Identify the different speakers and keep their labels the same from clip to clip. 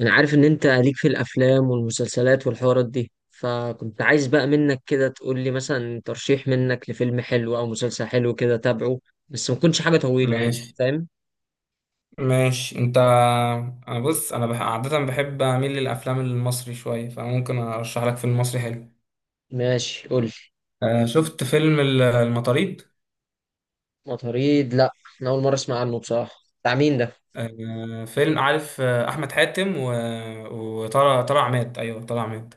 Speaker 1: انا عارف ان انت ليك في الافلام والمسلسلات والحوارات دي، فكنت عايز بقى منك كده تقول لي مثلا ترشيح منك لفيلم حلو او مسلسل حلو كده تابعه. بس ما تكونش حاجة طويلة، يعني
Speaker 2: ماشي،
Speaker 1: فاهم.
Speaker 2: ماشي انت. انا، بص، عادة بحب اميل للافلام المصري شوية، فممكن ارشح لك فيلم مصري حلو.
Speaker 1: ماشي قول لي.
Speaker 2: شفت فيلم المطاريد.
Speaker 1: مطاريد لا، انا اول مرة اسمع عنه بصراحة. بتاع مين ده؟
Speaker 2: فيلم، عارف، احمد حاتم و... وطلع عماد، ايوه، طلع عماد.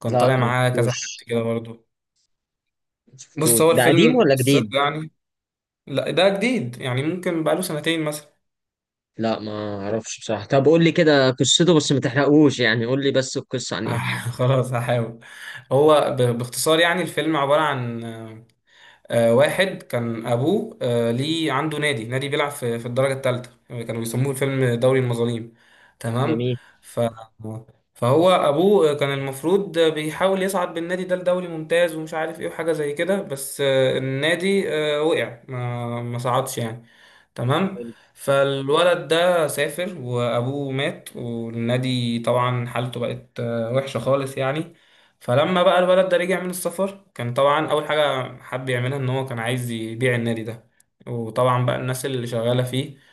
Speaker 2: كان
Speaker 1: لا
Speaker 2: طالع
Speaker 1: ما
Speaker 2: معاه كذا حد
Speaker 1: شفتوش
Speaker 2: كده برضه.
Speaker 1: ما
Speaker 2: بص،
Speaker 1: شفتوش
Speaker 2: هو
Speaker 1: ده قديم
Speaker 2: الفيلم
Speaker 1: ولا
Speaker 2: قصته
Speaker 1: جديد؟
Speaker 2: يعني. لا، ده جديد يعني، ممكن بقاله سنتين مثلا.
Speaker 1: لا ما اعرفش بصراحة. طب قول لي كده قصته بس ما تحرقوش، يعني قول لي بس القصة عن ايه.
Speaker 2: خلاص، هحاول. هو باختصار يعني الفيلم عبارة عن واحد كان ابوه ليه عنده نادي بيلعب في الدرجه الثالثه، كانوا بيسموه الفيلم دوري المظالم. تمام.
Speaker 1: جميل.
Speaker 2: ف فهو ابوه كان المفروض بيحاول يصعد بالنادي ده لدوري ممتاز ومش عارف ايه وحاجه زي كده، بس النادي وقع، ما صعدش يعني. تمام.
Speaker 1: حلو.
Speaker 2: فالولد ده سافر وابوه مات، والنادي طبعا حالته بقت وحشة خالص يعني. فلما بقى الولد ده رجع من السفر، كان طبعا اول حاجة حب يعملها ان هو كان عايز يبيع النادي ده. وطبعا بقى الناس اللي شغالة فيه،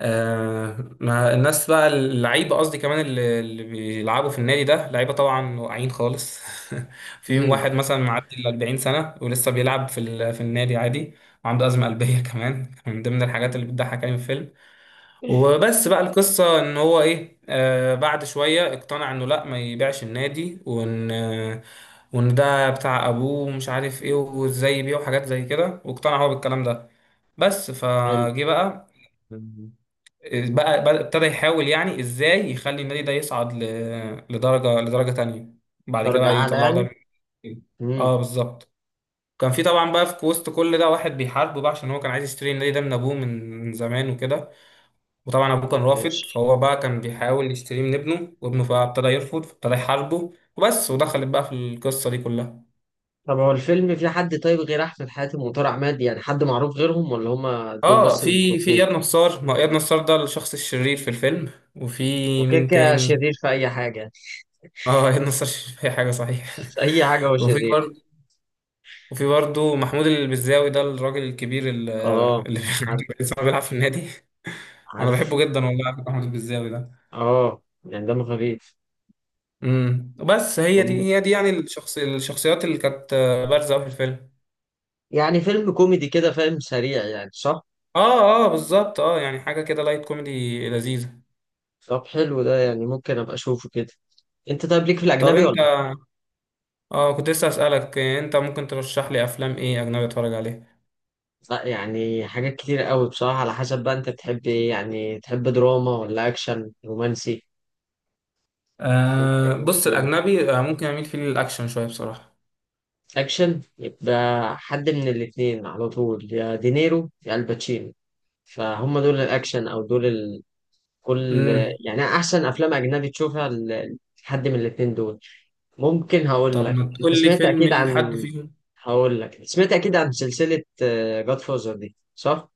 Speaker 2: ما الناس بقى اللعيبه قصدي، كمان اللي بيلعبوا في النادي ده لعيبه طبعا واقعين خالص. فيهم
Speaker 1: امم.
Speaker 2: واحد مثلا معدي ال 40 سنه ولسه بيلعب في في النادي عادي. وعنده ازمه قلبيه، كمان من ضمن الحاجات اللي بتضحك يعني في الفيلم. وبس بقى القصه ان هو ايه، بعد شويه اقتنع انه لا، ما يبيعش النادي، وان ده بتاع ابوه ومش عارف ايه وازاي يبيعه، حاجات زي كده، واقتنع هو بالكلام ده. بس
Speaker 1: حلو.
Speaker 2: فجه بقى بقى ابتدى يحاول يعني ازاي يخلي النادي ده يصعد لدرجه تانية، بعد كده
Speaker 1: درجة
Speaker 2: بقى
Speaker 1: اعلى
Speaker 2: يطلعوا
Speaker 1: يعني.
Speaker 2: دوري الابطال.
Speaker 1: امم.
Speaker 2: اه، بالظبط. كان في طبعا بقى في وسط كل ده واحد بيحاربه بقى، عشان هو كان عايز يشتري النادي ده من ابوه من زمان وكده. وطبعا ابوه كان رافض، فهو بقى كان بيحاول يشتريه من ابنه، وابنه بقى ابتدى يرفض، فابتدى يحاربه، وبس ودخلت بقى في القصه دي كلها.
Speaker 1: طب هو الفيلم فيه حد طيب غير احمد حاتم وطارق عماد؟ يعني حد معروف غيرهم ولا هما دول
Speaker 2: اه،
Speaker 1: بس اللي
Speaker 2: في
Speaker 1: معروفين؟
Speaker 2: اياد نصار. ما هو اياد نصار ده الشخص الشرير في الفيلم. وفي
Speaker 1: هو كده
Speaker 2: مين
Speaker 1: كده
Speaker 2: تاني؟
Speaker 1: شرير في اي حاجه؟
Speaker 2: اه، هي النصر الشريف اي حاجه صحيح.
Speaker 1: في اي حاجه هو
Speaker 2: وفي
Speaker 1: شرير؟
Speaker 2: برضه وفي برضه محمود البزاوي ده الراجل الكبير
Speaker 1: اه
Speaker 2: اللي
Speaker 1: عارف.
Speaker 2: لسه بيلعب في النادي. انا
Speaker 1: عارف.
Speaker 2: بحبه جدا والله، محمود البزاوي ده.
Speaker 1: اه يعني دمه خفيف.
Speaker 2: بس هي دي
Speaker 1: مم.
Speaker 2: هي دي يعني الشخصيات اللي كانت بارزه أوي في الفيلم.
Speaker 1: يعني فيلم كوميدي كده فاهم، سريع، يعني صح؟
Speaker 2: اه، اه، بالظبط. اه، يعني حاجه كده لايت كوميدي لذيذه.
Speaker 1: طب حلو ده، يعني ممكن ابقى اشوفه كده. انت طيب ليك في
Speaker 2: طب
Speaker 1: الاجنبي
Speaker 2: انت.
Speaker 1: ولا؟
Speaker 2: اه، كنت لسه اسالك، انت ممكن ترشح لي افلام ايه اجنبي اتفرج عليها؟
Speaker 1: لا يعني حاجات كتير قوي بصراحه، على حسب بقى انت بتحب ايه، يعني تحب دراما ولا اكشن رومانسي.
Speaker 2: بص، الاجنبي ممكن اميل فيه للاكشن شويه بصراحه.
Speaker 1: اكشن يبقى. حد من الاتنين على طول، يا دينيرو يا الباتشينو. فهم دول الاكشن او دول كل،
Speaker 2: امم
Speaker 1: يعني احسن افلام اجنبي تشوفها لحد من الاتنين دول. ممكن هقول
Speaker 2: طب
Speaker 1: لك
Speaker 2: ما
Speaker 1: انت
Speaker 2: تقول لي
Speaker 1: سمعت
Speaker 2: فيلم
Speaker 1: اكيد
Speaker 2: لحد
Speaker 1: عن،
Speaker 2: فيهم.
Speaker 1: هقول لك سمعت اكيد عن سلسلة جاد فوزر دي، صح؟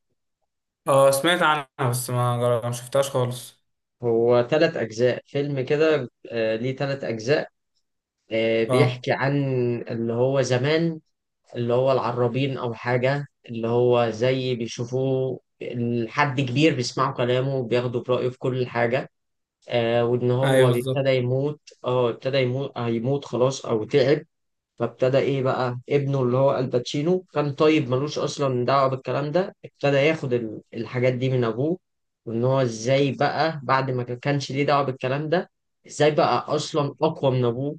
Speaker 2: اه، سمعت عنها، بس ما شفتهاش خالص.
Speaker 1: هو تلات اجزاء فيلم كده، ليه تلات اجزاء.
Speaker 2: اه،
Speaker 1: بيحكي عن اللي هو زمان، اللي هو العرابين أو حاجة، اللي هو زي بيشوفوه حد كبير بيسمعوا كلامه وبياخدوا برأيه في كل حاجة. وإن هو
Speaker 2: ايوه، بالظبط.
Speaker 1: ابتدى يموت، اه ابتدى يموت هيموت خلاص أو تعب. فابتدى إيه بقى ابنه اللي هو الباتشينو كان طيب ملوش أصلا دعوة بالكلام ده، ابتدى ياخد الحاجات دي من أبوه. وإن هو إزاي بقى بعد ما كانش ليه دعوة بالكلام ده، إزاي بقى أصلا أقوى من أبوه.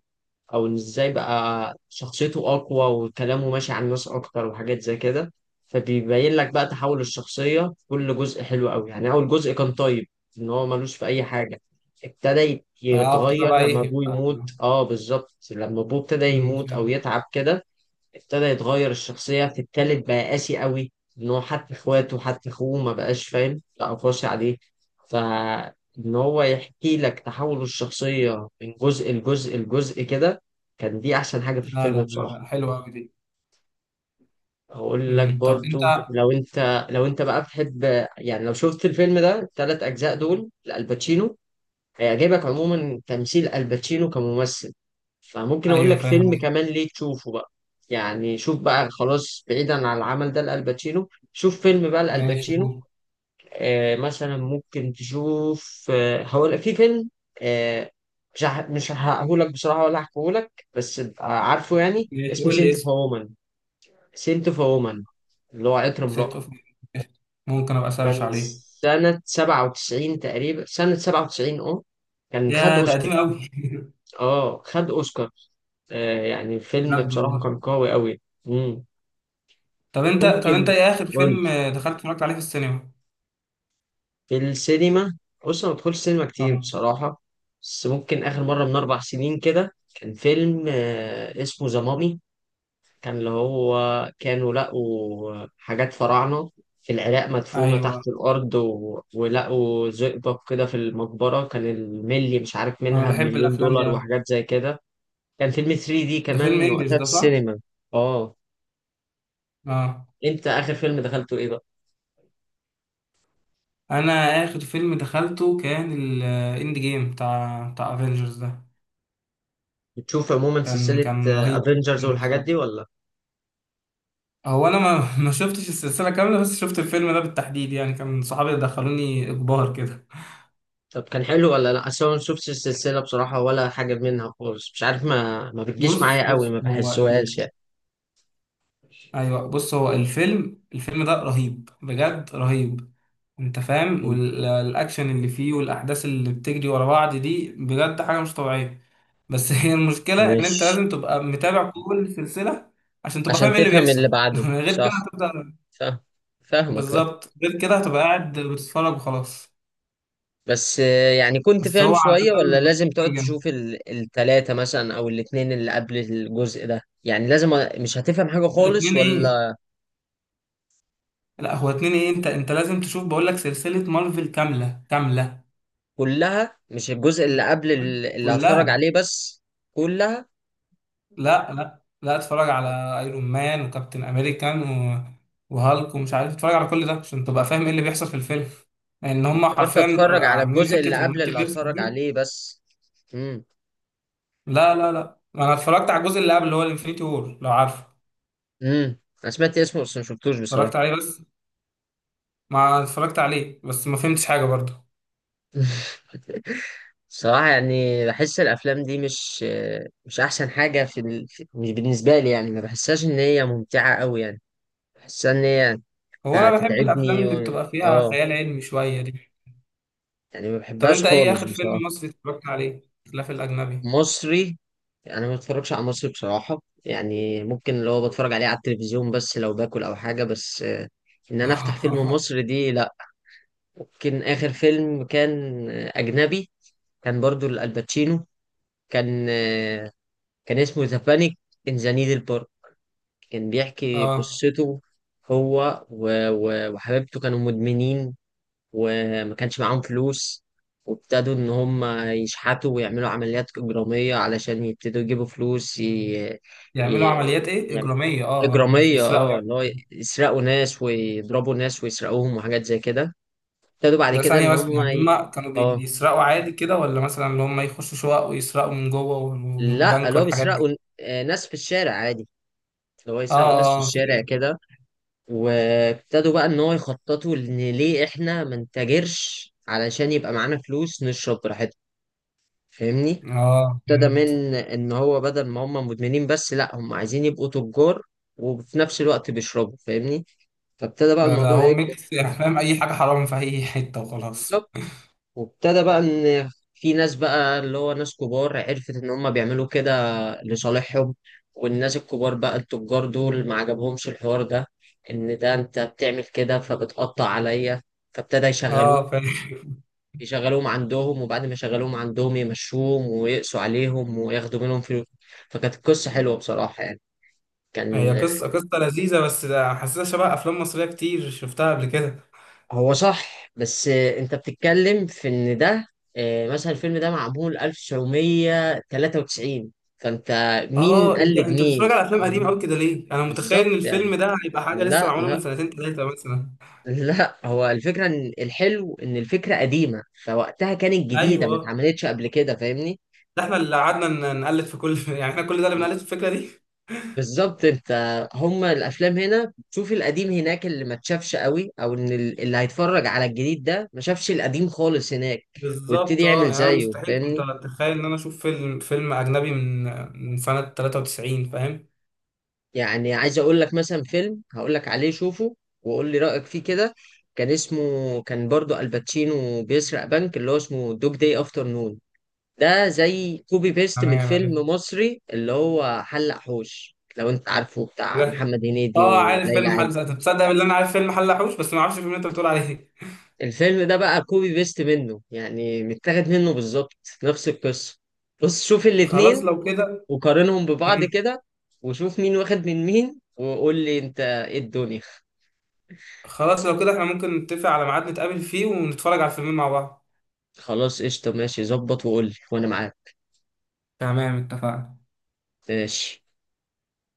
Speaker 1: او إن ازاي بقى شخصيته اقوى وكلامه ماشي على الناس اكتر وحاجات زي كده. فبيبين لك بقى تحول الشخصية في كل جزء، حلو قوي يعني. اول جزء كان طيب، ان هو ملوش في اي حاجة. ابتدى
Speaker 2: اه، بتبقى
Speaker 1: يتغير
Speaker 2: بقى
Speaker 1: لما
Speaker 2: ايه
Speaker 1: ابوه يموت، اه بالظبط لما ابوه ابتدى
Speaker 2: أمم،
Speaker 1: يموت او
Speaker 2: فاهم.
Speaker 1: يتعب كده. ابتدى يتغير الشخصية في التالت، بقى قاسي قوي. ان هو حتى اخواته حتى اخوه ما بقاش فاهم، بقى قاسي عليه. فان هو يحكي لك تحول الشخصية من جزء لجزء لجزء كده. كان دي احسن حاجة في
Speaker 2: لا،
Speaker 1: الفيلم
Speaker 2: لا،
Speaker 1: بصراحة.
Speaker 2: لا، حلوة أوي دي.
Speaker 1: هقول لك
Speaker 2: أمم، طب انت.
Speaker 1: برضو لو انت، لو انت بقى بتحب، يعني لو شفت الفيلم ده التلات اجزاء دول لألباتشينو، هيعجبك عموما تمثيل الباتشينو كممثل. فممكن اقول
Speaker 2: ايوه،
Speaker 1: لك
Speaker 2: فاهم
Speaker 1: فيلم
Speaker 2: قصدي.
Speaker 1: كمان ليه تشوفه بقى. يعني شوف بقى خلاص بعيدا عن العمل ده لالباتشينو، شوف فيلم بقى
Speaker 2: ماشي
Speaker 1: لالباتشينو.
Speaker 2: قول
Speaker 1: مثلا ممكن تشوف، هقول في فيلم، آه مش هقولك بصراحة ولا هحكيهولك، بس تبقى عارفه يعني.
Speaker 2: ماشي،
Speaker 1: اسمه
Speaker 2: قول لي
Speaker 1: سنت اوف
Speaker 2: اسم.
Speaker 1: وومن. سنت اوف وومن اللي هو عطر امرأة.
Speaker 2: ست اوف ممكن ابقى سيرش
Speaker 1: كان
Speaker 2: عليه.
Speaker 1: سنة 97 تقريبا، سنة 97، اه كان خد
Speaker 2: يا ده
Speaker 1: اوسكار.
Speaker 2: قديم قوي.
Speaker 1: اه خد اوسكار. يعني الفيلم
Speaker 2: بجد
Speaker 1: بصراحة
Speaker 2: والله.
Speaker 1: كان قوي قوي. مم.
Speaker 2: طب انت
Speaker 1: ممكن
Speaker 2: ايه اخر
Speaker 1: أقول
Speaker 2: فيلم دخلت اتفرجت عليه في السينما؟
Speaker 1: في السينما. بص أنا ما بدخلش سينما كتير
Speaker 2: اه،
Speaker 1: بصراحة، بس ممكن آخر مرة من 4 سنين كده كان فيلم اسمه ذا مامي. كان اللي هو كانوا لقوا حاجات فراعنة في العراق مدفونة
Speaker 2: ايوه.
Speaker 1: تحت الأرض ولقوا زئبق كده في المقبرة، كان الملي مش عارف
Speaker 2: انا
Speaker 1: منها
Speaker 2: بحب
Speaker 1: بمليون
Speaker 2: الافلام دي
Speaker 1: دولار
Speaker 2: قوي.
Speaker 1: وحاجات زي كده. كان فيلم 3D
Speaker 2: ده فيلم
Speaker 1: كمان
Speaker 2: انجلش
Speaker 1: وقتها في
Speaker 2: ده، صح؟
Speaker 1: السينما. اه.
Speaker 2: اه.
Speaker 1: انت آخر فيلم دخلته ايه بقى؟
Speaker 2: انا اخر فيلم دخلته كان الاند جيم بتاع افنجرز ده.
Speaker 1: بتشوف عموما
Speaker 2: كان
Speaker 1: سلسلة
Speaker 2: كان رهيب
Speaker 1: افنجرز والحاجات
Speaker 2: بصراحه.
Speaker 1: دي ولا؟
Speaker 2: هو انا ما ما شفتش السلسله كامله، بس شفت الفيلم ده بالتحديد، يعني كان صحابي دخلوني اجبار كده.
Speaker 1: طب كان حلو ولا لا؟ اصل أنا ما شفتش السلسلة بصراحة ولا حاجة منها خالص، مش عارف، ما بتجيش
Speaker 2: بص
Speaker 1: معايا قوي،
Speaker 2: بص
Speaker 1: ما
Speaker 2: هو،
Speaker 1: بحسوهاش يعني.
Speaker 2: ايوه، بص هو الفيلم ده رهيب، بجد رهيب. انت فاهم، والاكشن اللي فيه والاحداث اللي بتجري ورا بعض دي بجد حاجه مش طبيعيه. بس هي المشكله ان انت
Speaker 1: ماشي.
Speaker 2: لازم تبقى متابع كل السلسله عشان تبقى فاهم
Speaker 1: عشان
Speaker 2: ايه اللي
Speaker 1: تفهم اللي
Speaker 2: بيحصل.
Speaker 1: بعده
Speaker 2: غير كده
Speaker 1: صح.
Speaker 2: هتبدا.
Speaker 1: فاهم. فاهمك بقى.
Speaker 2: بالظبط، غير كده هتبقى قاعد بتتفرج وخلاص.
Speaker 1: بس يعني كنت
Speaker 2: بس
Speaker 1: فاهم
Speaker 2: هو عاده
Speaker 1: شوية ولا
Speaker 2: حلو
Speaker 1: لازم تقعد
Speaker 2: جامد.
Speaker 1: تشوف التلاتة مثلا أو الاتنين اللي قبل الجزء ده، يعني لازم مش هتفهم حاجة
Speaker 2: لا،
Speaker 1: خالص
Speaker 2: اتنين ايه؟
Speaker 1: ولا؟
Speaker 2: لا، هو اتنين ايه، انت لازم تشوف، بقول لك سلسله مارفل كامله كامله.
Speaker 1: كلها؟ مش الجزء اللي قبل اللي هتفرج
Speaker 2: كلها.
Speaker 1: عليه بس؟ كلها.
Speaker 2: لا، لا، لا، اتفرج على ايرون مان وكابتن امريكان و... وهالك ومش عارف، اتفرج على كل ده عشان تبقى فاهم ايه اللي بيحصل في الفيلم. لان
Speaker 1: انا
Speaker 2: هم
Speaker 1: افتكرت
Speaker 2: حرفيا
Speaker 1: اتفرج على
Speaker 2: عاملين
Speaker 1: الجزء
Speaker 2: حته
Speaker 1: اللي قبل
Speaker 2: المالتي
Speaker 1: اللي
Speaker 2: فيرس
Speaker 1: هتفرج
Speaker 2: دي.
Speaker 1: عليه بس. امم.
Speaker 2: لا، لا، لا، انا اتفرجت على الجزء اللي قبل اللي هو الانفينيتي وور، لو عارفه.
Speaker 1: انا سمعت اسمه بس ما شفتوش بصراحه.
Speaker 2: اتفرجت عليه بس، ما اتفرجت عليه بس ما فهمتش حاجه برضه.
Speaker 1: صراحه يعني بحس الافلام دي مش، مش احسن حاجه في، في، مش بالنسبه لي يعني، ما بحسهاش ان هي ممتعه قوي يعني. بحسها ان هي،
Speaker 2: هو انا بحب الافلام
Speaker 1: هتتعبني
Speaker 2: اللي
Speaker 1: و...
Speaker 2: بتبقى فيها
Speaker 1: اه
Speaker 2: خيال علمي شويه دي.
Speaker 1: يعني ما
Speaker 2: طب
Speaker 1: بحبهاش
Speaker 2: انت ايه
Speaker 1: خالص
Speaker 2: اخر فيلم
Speaker 1: بصراحه.
Speaker 2: مصري اتفرجت عليه خلاف الاجنبي؟
Speaker 1: مصري. انا ما بتفرجش على مصري بصراحه، يعني ممكن اللي هو بتفرج عليه على التلفزيون بس لو باكل او حاجه، بس ان انا افتح فيلم مصري دي لا. ممكن آخر فيلم كان أجنبي. كان برضو الباتشينو. كان كان اسمه ذا بانيك إن ذا نيدل بارك. كان بيحكي
Speaker 2: اه،
Speaker 1: قصته هو وحبيبته كانوا مدمنين، وما كانش معاهم فلوس، وابتدوا إن هم يشحتوا ويعملوا عمليات إجرامية علشان يبتدوا يجيبوا فلوس
Speaker 2: يعملوا
Speaker 1: ي...
Speaker 2: عمليات ايه
Speaker 1: يعني
Speaker 2: اجراميه؟ اه، مش
Speaker 1: إجرامية،
Speaker 2: بيسرقوا
Speaker 1: اه
Speaker 2: يعني.
Speaker 1: إن هو يسرقوا ناس ويضربوا ناس ويسرقوهم وحاجات زي كده. ابتدوا بعد
Speaker 2: ده
Speaker 1: كده
Speaker 2: ثانية
Speaker 1: إن
Speaker 2: بس،
Speaker 1: هم
Speaker 2: يعني هما كانوا
Speaker 1: اه.
Speaker 2: بيسرقوا عادي كده، ولا مثلا اللي هما يخشوا شقق ويسرقوا من جوه
Speaker 1: لا
Speaker 2: والبنك
Speaker 1: اللي هو
Speaker 2: والحاجات
Speaker 1: بيسرقوا
Speaker 2: دي؟
Speaker 1: ناس في الشارع عادي، اللي هو
Speaker 2: اه.
Speaker 1: يسرقوا ناس في
Speaker 2: اه،
Speaker 1: الشارع
Speaker 2: فهمت.
Speaker 1: كده. وابتدوا بقى ان هو يخططوا ان ليه احنا ما نتاجرش علشان يبقى معانا فلوس نشرب براحتنا، فاهمني.
Speaker 2: اه،
Speaker 1: ابتدى
Speaker 2: فهمت.
Speaker 1: من ان هو بدل ما هم مدمنين بس لا هم عايزين يبقوا تجار، وفي نفس الوقت بيشربوا فاهمني. فابتدى بقى
Speaker 2: ده
Speaker 1: الموضوع
Speaker 2: هو
Speaker 1: يكبر.
Speaker 2: ميكس، يعني فاهم؟ اي حاجة حرام في اي حتة وخلاص.
Speaker 1: بالظبط. وابتدى بقى ان في ناس بقى اللي هو ناس كبار عرفت ان هم بيعملوا كده لصالحهم. والناس الكبار بقى التجار دول ما عجبهمش الحوار ده، ان ده انت بتعمل كده فبتقطع عليا. فابتدى يشغلوهم،
Speaker 2: اه، فاهم.
Speaker 1: يشغلوهم عندهم وبعد ما يشغلوهم عندهم يمشوهم ويقسوا عليهم وياخدوا منهم فلوس. فكانت القصة حلوة بصراحة يعني.
Speaker 2: هي
Speaker 1: كان،
Speaker 2: قصة لذيذة، بس ده حاسسها شبه أفلام مصرية كتير شفتها قبل كده.
Speaker 1: هو صح بس انت بتتكلم في ان ده، مثلا الفيلم ده معمول 1993، فانت مين
Speaker 2: أنت
Speaker 1: قلد
Speaker 2: أنت
Speaker 1: مين.
Speaker 2: بتتفرج على أفلام قديمة أوي كده ليه؟ أنا متخيل
Speaker 1: بالظبط
Speaker 2: إن
Speaker 1: يعني.
Speaker 2: الفيلم ده هيبقى حاجة لسه
Speaker 1: لا
Speaker 2: معمولة من
Speaker 1: لا.
Speaker 2: سنتين تلاتة مثلا.
Speaker 1: لا هو الفكرة ان الحلو ان الفكرة قديمة، فوقتها كانت جديدة ما
Speaker 2: أيوه.
Speaker 1: اتعملتش قبل كده، فاهمني.
Speaker 2: ده إحنا اللي قعدنا نقلد في كل، يعني إحنا كل ده اللي بنقلد في الفكرة دي.
Speaker 1: بالظبط. انت هما الافلام هنا بتشوف القديم هناك اللي ما اتشافش قوي، او ان اللي هيتفرج على الجديد ده ما شافش القديم خالص هناك، ويبتدي
Speaker 2: بالظبط.
Speaker 1: يعمل
Speaker 2: اه، يعني انا
Speaker 1: زيه
Speaker 2: مستحيل كنت
Speaker 1: فاهمني.
Speaker 2: اتخيل ان انا اشوف فيلم اجنبي من سنه 93، فاهم؟
Speaker 1: يعني عايز اقول لك مثلا فيلم هقول لك عليه شوفه وقول لي رأيك فيه كده. كان اسمه، كان برضو الباتشينو بيسرق بنك، اللي هو اسمه دوج داي افتر نون. ده زي كوبي بيست من
Speaker 2: تمام،
Speaker 1: فيلم
Speaker 2: عرفت
Speaker 1: مصري اللي هو حلق حوش لو انت عارفه، بتاع
Speaker 2: ده.
Speaker 1: محمد هنيدي
Speaker 2: اه، عارف
Speaker 1: وليلى
Speaker 2: فيلم
Speaker 1: علوي.
Speaker 2: حل، تصدق بالله، انا عارف فيلم حلحوش، بس ما اعرفش الفيلم اللي انت بتقول عليه.
Speaker 1: الفيلم ده بقى كوبي بيست منه، يعني متاخد منه بالظبط، نفس القصة. بص شوف
Speaker 2: خلاص
Speaker 1: الاتنين
Speaker 2: لو كده.
Speaker 1: وقارنهم ببعض
Speaker 2: مم.
Speaker 1: كده، وشوف مين واخد من مين وقول لي انت ايه الدنيا.
Speaker 2: خلاص لو كده احنا ممكن نتفق على ميعاد نتقابل فيه ونتفرج على الفيلمين مع بعض.
Speaker 1: خلاص قشطة، ماشي ظبط وقول لي وأنا معاك.
Speaker 2: تمام، اتفقنا.
Speaker 1: ماشي.